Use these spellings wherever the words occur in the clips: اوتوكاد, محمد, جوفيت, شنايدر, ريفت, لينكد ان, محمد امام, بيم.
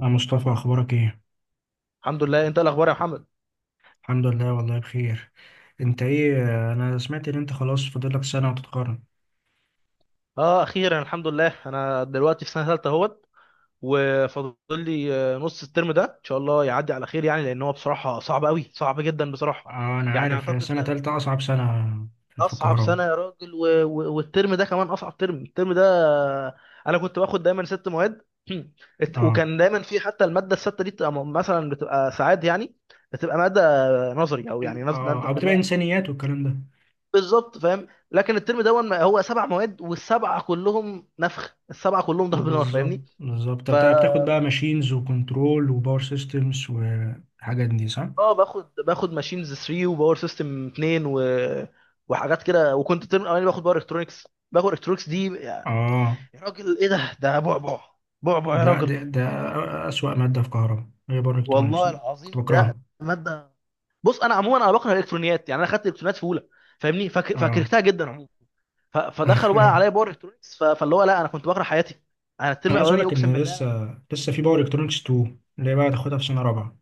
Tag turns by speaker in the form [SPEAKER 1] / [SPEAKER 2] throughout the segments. [SPEAKER 1] يا مصطفى، اخبارك ايه؟
[SPEAKER 2] الحمد لله. انت إيه الاخبار يا محمد؟
[SPEAKER 1] الحمد لله، والله بخير. انت ايه؟ انا سمعت ان انت خلاص فاضلك سنه وتتخرج.
[SPEAKER 2] اه اخيرا الحمد لله. انا دلوقتي في سنه ثالثه اهوت، وفاضل لي نص الترم ده ان شاء الله يعدي على خير يعني، لان هو بصراحه صعب قوي، صعب جدا بصراحه.
[SPEAKER 1] آه، انا
[SPEAKER 2] يعني
[SPEAKER 1] عارف هي
[SPEAKER 2] اعتقد
[SPEAKER 1] سنه
[SPEAKER 2] ده
[SPEAKER 1] تالتة اصعب سنه في
[SPEAKER 2] اصعب
[SPEAKER 1] الكهرباء.
[SPEAKER 2] سنه يا راجل، و... و... والترم ده كمان اصعب ترم، الترم ده. آه، انا كنت باخد دايما ست مواد.
[SPEAKER 1] اه.
[SPEAKER 2] وكان دايما في حتى الماده السته دي بتبقى، مثلا بتبقى ساعات يعني، بتبقى ماده نظري، او يعني ماده.
[SPEAKER 1] أو بتبقى انسانيات والكلام ده.
[SPEAKER 2] بالظبط، فاهم. لكن الترم ده هو سبع مواد، والسبعه كلهم نفخ، السبعه كلهم ضرب نار،
[SPEAKER 1] بالظبط،
[SPEAKER 2] فاهمني؟
[SPEAKER 1] بالظبط. طب
[SPEAKER 2] ف
[SPEAKER 1] بتاخد
[SPEAKER 2] ف-
[SPEAKER 1] بقى ماشينز وكنترول وباور سيستمز والحاجات دي، صح؟
[SPEAKER 2] اه باخد، ماشينز 3 وباور سيستم 2 وحاجات كده، وكنت الترم الاولاني باخد باور الكترونكس. باخد الكترونكس دي،
[SPEAKER 1] اه.
[SPEAKER 2] يا راجل، ايه ده؟ ده بعبع، بعبع يا
[SPEAKER 1] لا،
[SPEAKER 2] راجل.
[SPEAKER 1] ده اسوأ ماده في كهرباء هي باور الكترونكس
[SPEAKER 2] والله
[SPEAKER 1] دي، كنت
[SPEAKER 2] العظيم لا.
[SPEAKER 1] بكرهها.
[SPEAKER 2] ماده، بص، انا عموما انا بكره الالكترونيات، يعني انا خدت الالكترونيات في اولى، فاهمني؟
[SPEAKER 1] اه.
[SPEAKER 2] فكرهتها جدا عموما. فدخلوا بقى عليا باور الكترونكس، فاللي هو لا، انا كنت بكره حياتي. انا الترم
[SPEAKER 1] انا عايز اقول
[SPEAKER 2] الاولاني
[SPEAKER 1] لك
[SPEAKER 2] اقسم
[SPEAKER 1] ان
[SPEAKER 2] بالله.
[SPEAKER 1] لسه في باور الكترونكس 2 اللي هي بقى هتاخدها في سنه رابعه.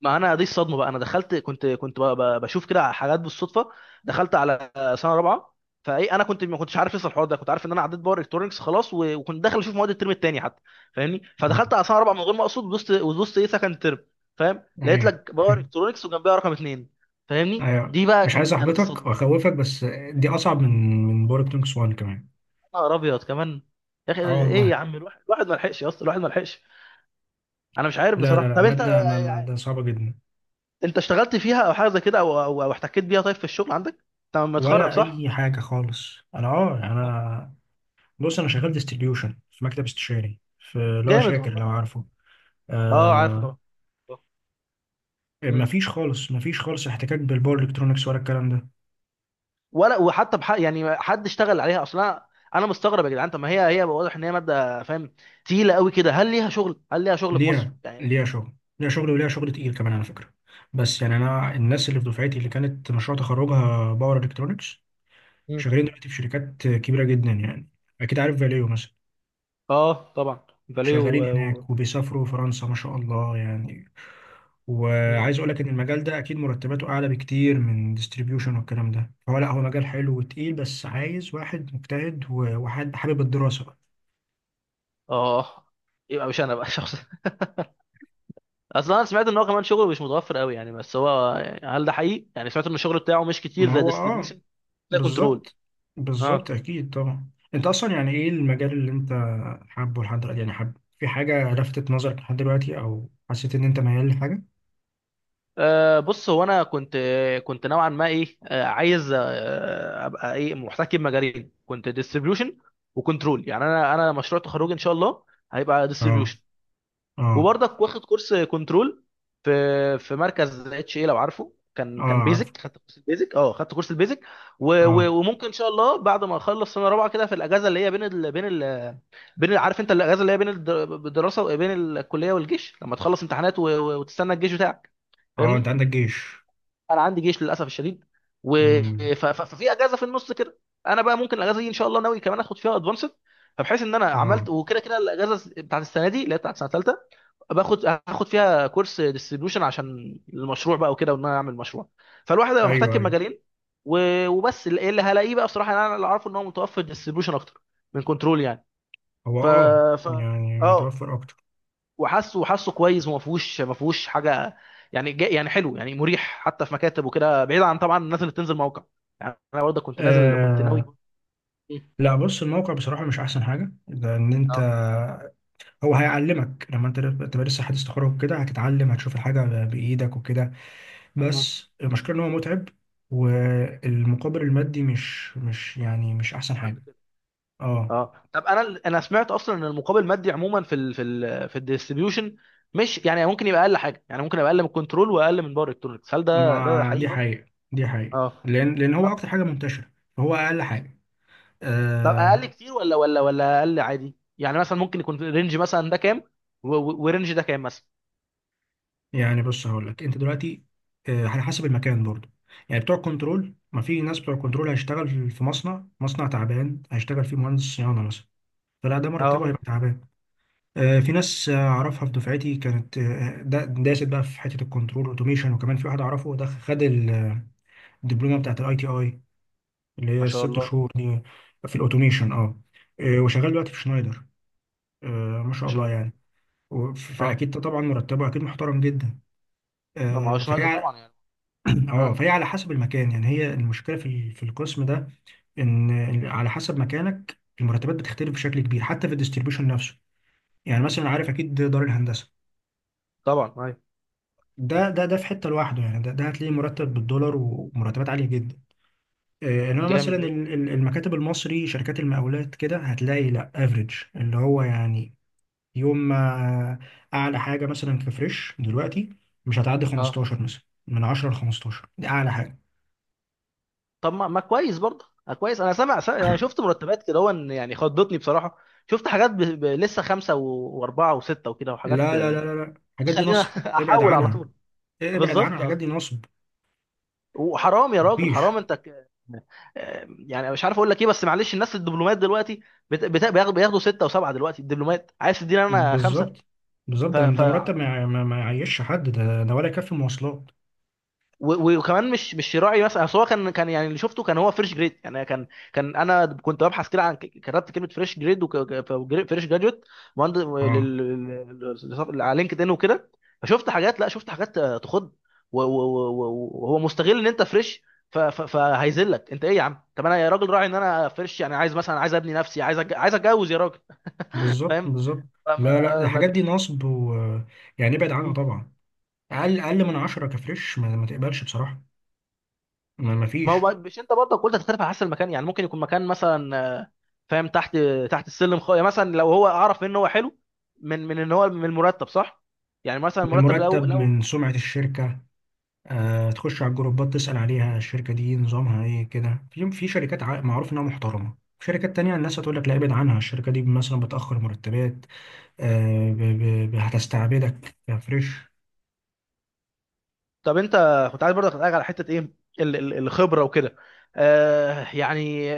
[SPEAKER 2] ما انا دي الصدمه بقى، انا دخلت، بشوف كده على حاجات بالصدفه، دخلت على سنه رابعه. فايه، انا كنت ما كنتش عارف لسه الحوار ده، كنت عارف ان انا عديت باور الكترونكس خلاص، وكنت داخل اشوف مواد الترم الثاني حتى، فاهمني؟
[SPEAKER 1] آه.
[SPEAKER 2] فدخلت على سنه رابعه من غير ما اقصد، ودوست ايه، سكند ترم. فاهم؟ لقيت
[SPEAKER 1] ايوه.
[SPEAKER 2] لك باور الكترونكس وجنبها رقم اثنين. فاهمني؟
[SPEAKER 1] ايوه،
[SPEAKER 2] دي بقى
[SPEAKER 1] مش عايز
[SPEAKER 2] كانت،
[SPEAKER 1] احبطك
[SPEAKER 2] الصدمه.
[SPEAKER 1] واخوفك بس دي اصعب من باور الكترونكس 1 كمان.
[SPEAKER 2] يا نهار ابيض، كمان. يا اخي
[SPEAKER 1] اه
[SPEAKER 2] ايه
[SPEAKER 1] والله.
[SPEAKER 2] يا عم، الواحد ما لحقش يا اسطى، الواحد ما لحقش. انا مش عارف
[SPEAKER 1] لا، لا،
[SPEAKER 2] بصراحه.
[SPEAKER 1] لا،
[SPEAKER 2] طب انت
[SPEAKER 1] ماده
[SPEAKER 2] يعني،
[SPEAKER 1] ماده صعبه جدا.
[SPEAKER 2] انت اشتغلت فيها او حاجه زي كده، او أو احتكيت بيها طيب في الشغل عندك؟ انت لما تخرج،
[SPEAKER 1] ولا
[SPEAKER 2] صح؟
[SPEAKER 1] اي حاجه خالص. انا اه
[SPEAKER 2] آه،
[SPEAKER 1] انا بص، انا شغال ديستريبيوشن في مكتب استشاري اللي هو
[SPEAKER 2] جامد
[SPEAKER 1] شاكر،
[SPEAKER 2] والله.
[SPEAKER 1] لو عارفه.
[SPEAKER 2] اه عارفه
[SPEAKER 1] آه.
[SPEAKER 2] طبعا. آه. مم.
[SPEAKER 1] مفيش خالص، مفيش خالص احتكاك بالباور الكترونكس ولا الكلام ده.
[SPEAKER 2] ولا يعني حد اشتغل عليها اصلا؟ انا أنا مستغرب يا جدعان. طب ما هي، هي واضح ان هي ماده، فاهم، تقيله قوي كده. هل ليها شغل؟ هل ليها شغل في مصر
[SPEAKER 1] ليها،
[SPEAKER 2] يعني؟
[SPEAKER 1] ليها شغل. ليها شغل وليها شغل تقيل كمان، على فكرة. بس يعني أنا الناس اللي في دفعتي اللي كانت مشروع تخرجها باور إلكترونكس
[SPEAKER 2] مم.
[SPEAKER 1] شغالين دلوقتي في شركات كبيرة جدا يعني. أكيد عارف فاليو مثلا.
[SPEAKER 2] اه طبعا. فاليه
[SPEAKER 1] شغالين
[SPEAKER 2] و... و...
[SPEAKER 1] هناك وبيسافروا فرنسا ما شاء الله يعني.
[SPEAKER 2] مم.
[SPEAKER 1] وعايز أقول لك إن المجال ده أكيد مرتباته أعلى بكتير من ديستريبيوشن والكلام ده، فهو لا، هو مجال حلو وتقيل، بس عايز واحد مجتهد وحد حابب الدراسة بقى.
[SPEAKER 2] اه. يبقى مش انا بقى شخص. اصلا انا سمعت ان هو كمان شغله مش متوفر قوي يعني، بس هو يعني، هل ده حقيقي يعني؟ سمعت ان الشغل بتاعه مش كتير
[SPEAKER 1] ما
[SPEAKER 2] زي
[SPEAKER 1] هو اه.
[SPEAKER 2] ديستريبيوشن، زي كنترول.
[SPEAKER 1] بالظبط، بالظبط،
[SPEAKER 2] اه.
[SPEAKER 1] اكيد طبعا. انت اصلا يعني ايه المجال اللي انت حابه لحد دلوقتي؟ يعني حابب في حاجه لفتت نظرك لحد دلوقتي او حسيت ان انت ميال لحاجه؟
[SPEAKER 2] بص، هو انا كنت، كنت نوعا ما ايه أه عايز ابقى ايه، محتكي بمجالين، كنت ديستريبيوشن وكنترول يعني. انا مشروع تخرجي ان شاء الله هيبقى
[SPEAKER 1] اه.
[SPEAKER 2] ديستريبيوشن،
[SPEAKER 1] اه.
[SPEAKER 2] وبرضك واخد كورس كنترول في، في مركز اتش اي لو عارفه،
[SPEAKER 1] اه.
[SPEAKER 2] كان
[SPEAKER 1] عارف.
[SPEAKER 2] بيزك، خدت كورس البيزك، اه خدت كورس البيزك.
[SPEAKER 1] اه.
[SPEAKER 2] وممكن ان شاء الله بعد ما اخلص سنه رابعه كده، في الاجازه اللي هي بين ال بين ال بين عارف انت الاجازه اللي هي بين الدراسه، بين الكليه والجيش، لما تخلص امتحانات وتستنى الجيش بتاعك،
[SPEAKER 1] اه. انت
[SPEAKER 2] فاهمني؟
[SPEAKER 1] عندك جيش؟
[SPEAKER 2] انا عندي جيش للاسف الشديد. و...
[SPEAKER 1] امم.
[SPEAKER 2] ف... ف... ففي اجازه في النص كده، انا بقى ممكن الاجازه دي ان شاء الله ناوي كمان اخد فيها ادفانسد، فبحيث ان انا
[SPEAKER 1] اه.
[SPEAKER 2] عملت، وكده كده الاجازه بتاعت السنه دي اللي هي بتاعت سنه ثالثه هاخد فيها كورس ديستريبيوشن عشان المشروع بقى وكده، وان انا اعمل مشروع. فالواحد هيبقى
[SPEAKER 1] ايوه،
[SPEAKER 2] محتاج
[SPEAKER 1] ايوه.
[SPEAKER 2] مجالين. و... وبس، اللي هلاقيه بقى بصراحه. يعني انا اللي عارفه ان هو متوفر ديستريبيوشن اكتر من كنترول يعني.
[SPEAKER 1] هو
[SPEAKER 2] ف ف
[SPEAKER 1] يعني
[SPEAKER 2] اه
[SPEAKER 1] متوفر اكتر.
[SPEAKER 2] وحاسه، كويس، وما فيهوش ما فيهوش حاجه يعني، جا يعني حلو، يعني مريح حتى، في مكاتب وكده، بعيد عن طبعا الناس اللي بتنزل موقع. يعني انا برضه كنت نازل، كنت ناوي.
[SPEAKER 1] آه.
[SPEAKER 2] مم.
[SPEAKER 1] لا، بص، الموقع بصراحه مش احسن حاجه، لان
[SPEAKER 2] اه.
[SPEAKER 1] انت هو هيعلمك. لما انت تبقى لسه حديث تخرج كده هتتعلم، هتشوف الحاجه بايدك وكده.
[SPEAKER 2] آه.
[SPEAKER 1] بس المشكلة ان هو متعب. والمقابل المادي مش يعني مش احسن
[SPEAKER 2] مش قد
[SPEAKER 1] حاجة.
[SPEAKER 2] كده.
[SPEAKER 1] اه.
[SPEAKER 2] اه. طب انا، انا سمعت اصلا ان المقابل المادي عموما في ال في ال في الديستريبيوشن مش يعني، ممكن يبقى اقل حاجه يعني، ممكن يبقى اقل من كنترول واقل من باور الكترونكس. هل ده، ده
[SPEAKER 1] ما
[SPEAKER 2] حقيقي
[SPEAKER 1] دي
[SPEAKER 2] برضه؟
[SPEAKER 1] حقيقة. دي حقيقة
[SPEAKER 2] اه.
[SPEAKER 1] لان هو
[SPEAKER 2] طب
[SPEAKER 1] اكتر حاجة منتشرة. فهو اقل حاجة. آه.
[SPEAKER 2] اقل كتير ولا ولا اقل عادي يعني؟ مثلا ممكن يكون رينج مثلا ده كام، ورينج ده كام مثلا؟
[SPEAKER 1] يعني بص، هقول لك انت دلوقتي، آه، على حسب المكان برضو. يعني بتوع كنترول، ما في ناس بتوع كنترول هيشتغل في مصنع، مصنع تعبان هيشتغل فيه مهندس صيانة مثلا، فلا ده
[SPEAKER 2] اه.
[SPEAKER 1] مرتبه هيبقى تعبان. آه، في ناس اعرفها في دفعتي، كانت داست بقى في حتة الكنترول اوتوميشن. وكمان في واحد اعرفه ده، خد الدبلومه بتاعت الاي تي اي اللي هي
[SPEAKER 2] ما شاء
[SPEAKER 1] الست
[SPEAKER 2] الله.
[SPEAKER 1] شهور دي، في الاوتوميشن، اه. آه، وشغال دلوقتي في شنايدر. آه، ما
[SPEAKER 2] ما
[SPEAKER 1] شاء
[SPEAKER 2] شاء
[SPEAKER 1] الله
[SPEAKER 2] الله.
[SPEAKER 1] يعني.
[SPEAKER 2] اه.
[SPEAKER 1] فاكيد طبعا مرتبه اكيد محترم جدا.
[SPEAKER 2] لا ما هو
[SPEAKER 1] آه،
[SPEAKER 2] شنايدر
[SPEAKER 1] فهي على-
[SPEAKER 2] طبعا يعني. اه
[SPEAKER 1] اه فهي على حسب المكان. يعني هي المشكله في القسم ده إن على حسب مكانك المرتبات بتختلف بشكل كبير حتى في الديستريبيوشن نفسه. يعني مثلا عارف اكيد دار الهندسه،
[SPEAKER 2] طبعا. ايوه،
[SPEAKER 1] ده في حته لوحده يعني، ده هتلاقيه مرتب بالدولار ومرتبات عاليه جدا. آه، انما
[SPEAKER 2] جامد
[SPEAKER 1] مثلا
[SPEAKER 2] جدا.
[SPEAKER 1] المكاتب المصري، شركات المقاولات كده، هتلاقي لا افريج، اللي هو يعني، يوم ما، اعلى حاجه مثلا في فريش دلوقتي مش هتعدي
[SPEAKER 2] اه.
[SPEAKER 1] 15 مثلا. من 10 ل 15، دي اعلى حاجه.
[SPEAKER 2] طب ما، ما كويس برضه، ما كويس. انا سامع، يعني شفت مرتبات كده، هو ان يعني خضتني بصراحه. شفت حاجات لسه خمسه واربعه وسته وكده، وحاجات
[SPEAKER 1] لا، لا، لا، لا، لا، الحاجات دي
[SPEAKER 2] تخلينا
[SPEAKER 1] نصب، ابعد
[SPEAKER 2] احول على
[SPEAKER 1] عنها.
[SPEAKER 2] طول.
[SPEAKER 1] إيه، ابعد عنها،
[SPEAKER 2] بالظبط
[SPEAKER 1] الحاجات دي
[SPEAKER 2] اصلا.
[SPEAKER 1] نصب،
[SPEAKER 2] وحرام يا راجل،
[SPEAKER 1] مفيش.
[SPEAKER 2] حرام، انت ك... آه، يعني مش عارف اقول لك ايه، بس معلش الناس الدبلومات دلوقتي بت... بت... بياخدوا بياخدوا سته وسبعه دلوقتي الدبلومات، عايز تديني انا خمسه؟
[SPEAKER 1] بالظبط، بالظبط،
[SPEAKER 2] ف...
[SPEAKER 1] ده
[SPEAKER 2] ف...
[SPEAKER 1] ده مرتب ما يع- ما ما يعيش حد، ده ده ولا يكفي مواصلات.
[SPEAKER 2] وكمان مش، مش راعي مثلا. اصل هو كان، يعني اللي شفته كان هو فريش جريد يعني، كان انا كنت ببحث كده عن، كتبت كلمه فريش جريد وفريش جراجويت مهندس
[SPEAKER 1] اه.
[SPEAKER 2] على لينكد ان وكده، فشفت حاجات، لا شفت حاجات تخض. وهو مستغل ان انت فريش، فهيذلك انت ايه يا عم؟ طب انا يا راجل، راعي ان انا فريش يعني، عايز مثلا، عايز ابني نفسي، عايز عايز اتجوز يا راجل،
[SPEAKER 1] بالظبط،
[SPEAKER 2] فاهم؟
[SPEAKER 1] بالظبط. لا، لا،
[SPEAKER 2] فما- ما
[SPEAKER 1] الحاجات دي نصب، و... يعني ابعد عنها
[SPEAKER 2] في
[SPEAKER 1] طبعا. اقل من 10 كفريش ما تقبلش بصراحه. ما
[SPEAKER 2] ما
[SPEAKER 1] فيش.
[SPEAKER 2] هو مش انت برضه قلت هتختلف على حسب المكان يعني؟ ممكن يكون مكان مثلا فاهم، تحت، تحت السلم. يعني مثلا لو هو اعرف ان هو حلو من، من ان هو من المرتب صح يعني. مثلا المرتب
[SPEAKER 1] مرتب
[SPEAKER 2] لو.
[SPEAKER 1] من سمعه الشركه. آه، تخش على الجروبات، تسال عليها، الشركه دي نظامها ايه، كده. في شركات معروف انها محترمه، في شركات تانية الناس هتقول لك لا، ابعد عنها، الشركة دي مثلا بتأخر مرتبات. هتستعبدك كفريش.
[SPEAKER 2] طب انت كنت عايز برضه اسالك على حته ايه، الخبره وكده، يعني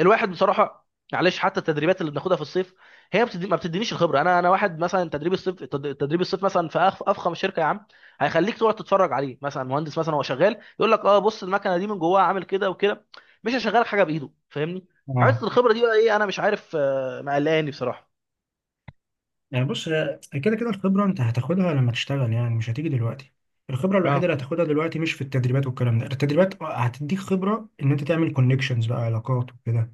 [SPEAKER 2] الواحد بصراحه، معلش، حتى التدريبات اللي بناخدها في الصيف، هي بتدي، ما بتدينيش الخبره. انا، انا واحد مثلا تدريب الصيف، تدريب الصيف مثلا في افخم شركه يا عم، هيخليك تقعد تتفرج عليه مثلا. مهندس مثلا هو شغال، يقول لك اه بص المكنه دي من جواها عامل كده وكده، مش هيشغلك حاجه بايده، فاهمني؟ حته
[SPEAKER 1] اه.
[SPEAKER 2] الخبره دي بقى ايه؟ انا مش عارف، مقلقاني بصراحه.
[SPEAKER 1] يعني بص، آه، كده كده الخبرة انت هتاخدها لما تشتغل، يعني مش هتيجي دلوقتي. الخبرة الوحيدة
[SPEAKER 2] اه.
[SPEAKER 1] اللي هتاخدها دلوقتي مش في التدريبات والكلام ده، التدريبات هتديك خبرة ان انت تعمل كونكشنز بقى، علاقات وكده.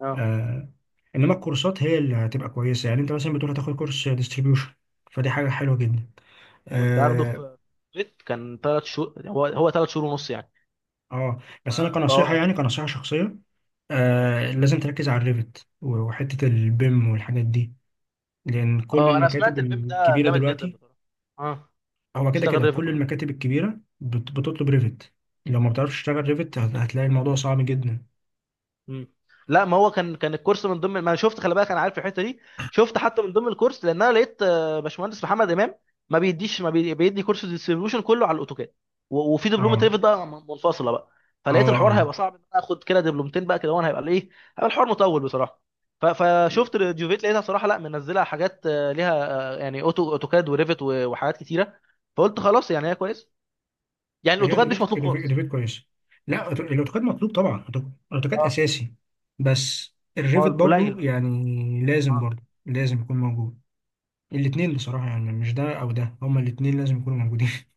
[SPEAKER 2] اه.
[SPEAKER 1] آه. انما الكورسات هي اللي هتبقى كويسه. يعني انت مثلا بتقول هتاخد كورس ديستريبيوشن، فدي حاجه حلوه جدا.
[SPEAKER 2] كنت هاخده
[SPEAKER 1] اه.
[SPEAKER 2] في بيت، كان ثلاث شهور، هو ثلاث شهور ونص يعني.
[SPEAKER 1] آه. بس انا
[SPEAKER 2] اه.
[SPEAKER 1] كنصيحه، يعني كنصيحه شخصيه، آه، لازم تركز على الريفت وحته البيم والحاجات دي لان كل
[SPEAKER 2] اه، انا
[SPEAKER 1] المكاتب
[SPEAKER 2] سمعت البيم ده
[SPEAKER 1] الكبيره
[SPEAKER 2] جامد جدا
[SPEAKER 1] دلوقتي،
[SPEAKER 2] بصراحه. اه،
[SPEAKER 1] هو كده
[SPEAKER 2] اشتغل
[SPEAKER 1] كده
[SPEAKER 2] ريفت
[SPEAKER 1] كل
[SPEAKER 2] وكده.
[SPEAKER 1] المكاتب الكبيره بتطلب ريفت. لو ما بتعرفش تشتغل ريفت هتلاقي الموضوع صعب جدا.
[SPEAKER 2] مم. لا ما هو كان، كان الكورس من ضمن ما انا شفت، خلي بالك انا عارف الحته دي. شفت حتى من ضمن الكورس، لان انا لقيت باشمهندس محمد امام، ما بيديش ما بي... بيدي كورس ديستريبيوشن كله على الاوتوكاد، وفي دبلومه
[SPEAKER 1] اه.
[SPEAKER 2] ريفت بقى منفصله بقى. فلقيت الحوار
[SPEAKER 1] اه.
[SPEAKER 2] هيبقى صعب ان انا اخد كده دبلومتين بقى كده، وانا هيبقى ايه، هيبقى الحوار مطول بصراحه.
[SPEAKER 1] اه.
[SPEAKER 2] فشفت الجوفيت، لقيتها صراحه، لا منزلها حاجات ليها، يعني اوتوكاد وريفت وحاجات كتيره. فقلت خلاص يعني، هي كويس يعني،
[SPEAKER 1] هي
[SPEAKER 2] الاوتوكاد مش
[SPEAKER 1] اوتوكاد،
[SPEAKER 2] مطلوب خالص.
[SPEAKER 1] كويس. لا، الاوتوكاد مطلوب طبعا، اوتوكاد
[SPEAKER 2] اه.
[SPEAKER 1] اساسي. بس
[SPEAKER 2] ما
[SPEAKER 1] الريفت
[SPEAKER 2] هو قليل
[SPEAKER 1] برضو
[SPEAKER 2] بقى.
[SPEAKER 1] يعني لازم،
[SPEAKER 2] اه.
[SPEAKER 1] برضو لازم يكون موجود. الاثنين بصراحة، يعني مش ده او ده، هما الاثنين لازم يكونوا موجودين.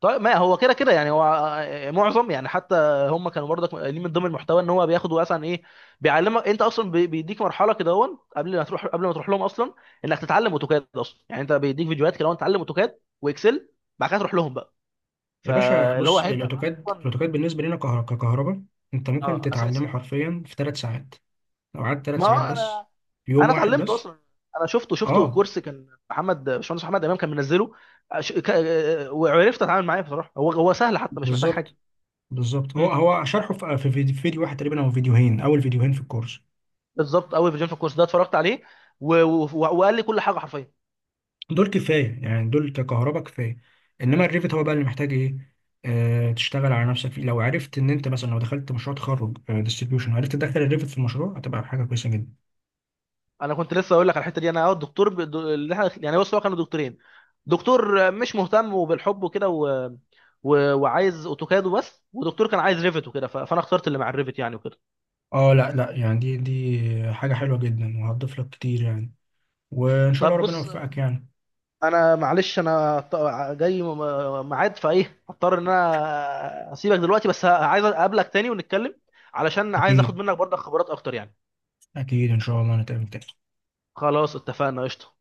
[SPEAKER 2] طيب ما هو كده كده يعني هو معظم يعني حتى هم كانوا برضك قايلين من ضمن المحتوى ان هو بياخد مثلا ايه، بيعلمك انت اصلا، بيديك مرحله كده هون قبل ما تروح، قبل ما تروح لهم اصلا، انك تتعلم اوتوكاد اصلا يعني. انت بيديك فيديوهات كده هون تتعلم اوتوكاد واكسل، بعد كده تروح لهم بقى،
[SPEAKER 1] يا باشا،
[SPEAKER 2] فاللي هو
[SPEAKER 1] بص،
[SPEAKER 2] هيبدا معاك
[SPEAKER 1] الاوتوكاد،
[SPEAKER 2] اصلا.
[SPEAKER 1] بالنسبة لنا ككهرباء انت ممكن
[SPEAKER 2] اه، اساسي.
[SPEAKER 1] تتعلمه حرفيا في 3 ساعات. لو قعدت ثلاث
[SPEAKER 2] ما هو
[SPEAKER 1] ساعات بس، في يوم
[SPEAKER 2] انا
[SPEAKER 1] واحد بس.
[SPEAKER 2] اتعلمته اصلا، انا شفته،
[SPEAKER 1] اه.
[SPEAKER 2] كورس كان محمد، باشمهندس محمد امام، كان منزله، وعرفت اتعامل معاه بصراحه. هو سهل حتى، مش محتاج حاجه.
[SPEAKER 1] بالظبط، بالظبط. هو
[SPEAKER 2] مم.
[SPEAKER 1] هو شرحه في فيديو واحد تقريبا او فيديوهين، اول فيديوهين في الكورس،
[SPEAKER 2] بالظبط قوي فيجن في الكورس ده اتفرجت عليه، وقال لي كل حاجه حرفيا.
[SPEAKER 1] دول كفايه يعني، دول ككهرباء كفايه. انما الريفت هو بقى اللي محتاج ايه، آه، تشتغل على نفسك فيه. لو عرفت ان انت مثلا لو دخلت مشروع تخرج ديستريبيوشن وعرفت تدخل الريفت في المشروع هتبقى حاجه كويسه جدا.
[SPEAKER 2] انا كنت لسه اقول لك على الحته دي انا، اه الدكتور، اللي احنا يعني بص، هو كانوا دكتورين، دكتور مش مهتم، وبالحب وكده وعايز اوتوكاد وبس، ودكتور كان عايز ريفت وكده، فانا اخترت اللي مع الريفت يعني وكده.
[SPEAKER 1] اه، لا، لا، يعني دي حاجه حلوه جدا وهتضيف لك كتير يعني. وان شاء الله
[SPEAKER 2] طب
[SPEAKER 1] ربنا
[SPEAKER 2] بص،
[SPEAKER 1] يوفقك يعني.
[SPEAKER 2] انا معلش انا جاي ميعاد فايه، هضطر ان انا اسيبك دلوقتي، بس عايز اقابلك تاني ونتكلم، علشان عايز اخد
[SPEAKER 1] اكيد.
[SPEAKER 2] منك برضه خبرات اكتر يعني.
[SPEAKER 1] اكيد، ان شاء الله نتقابل تاني.
[SPEAKER 2] خلاص، اتفقنا، قشطه.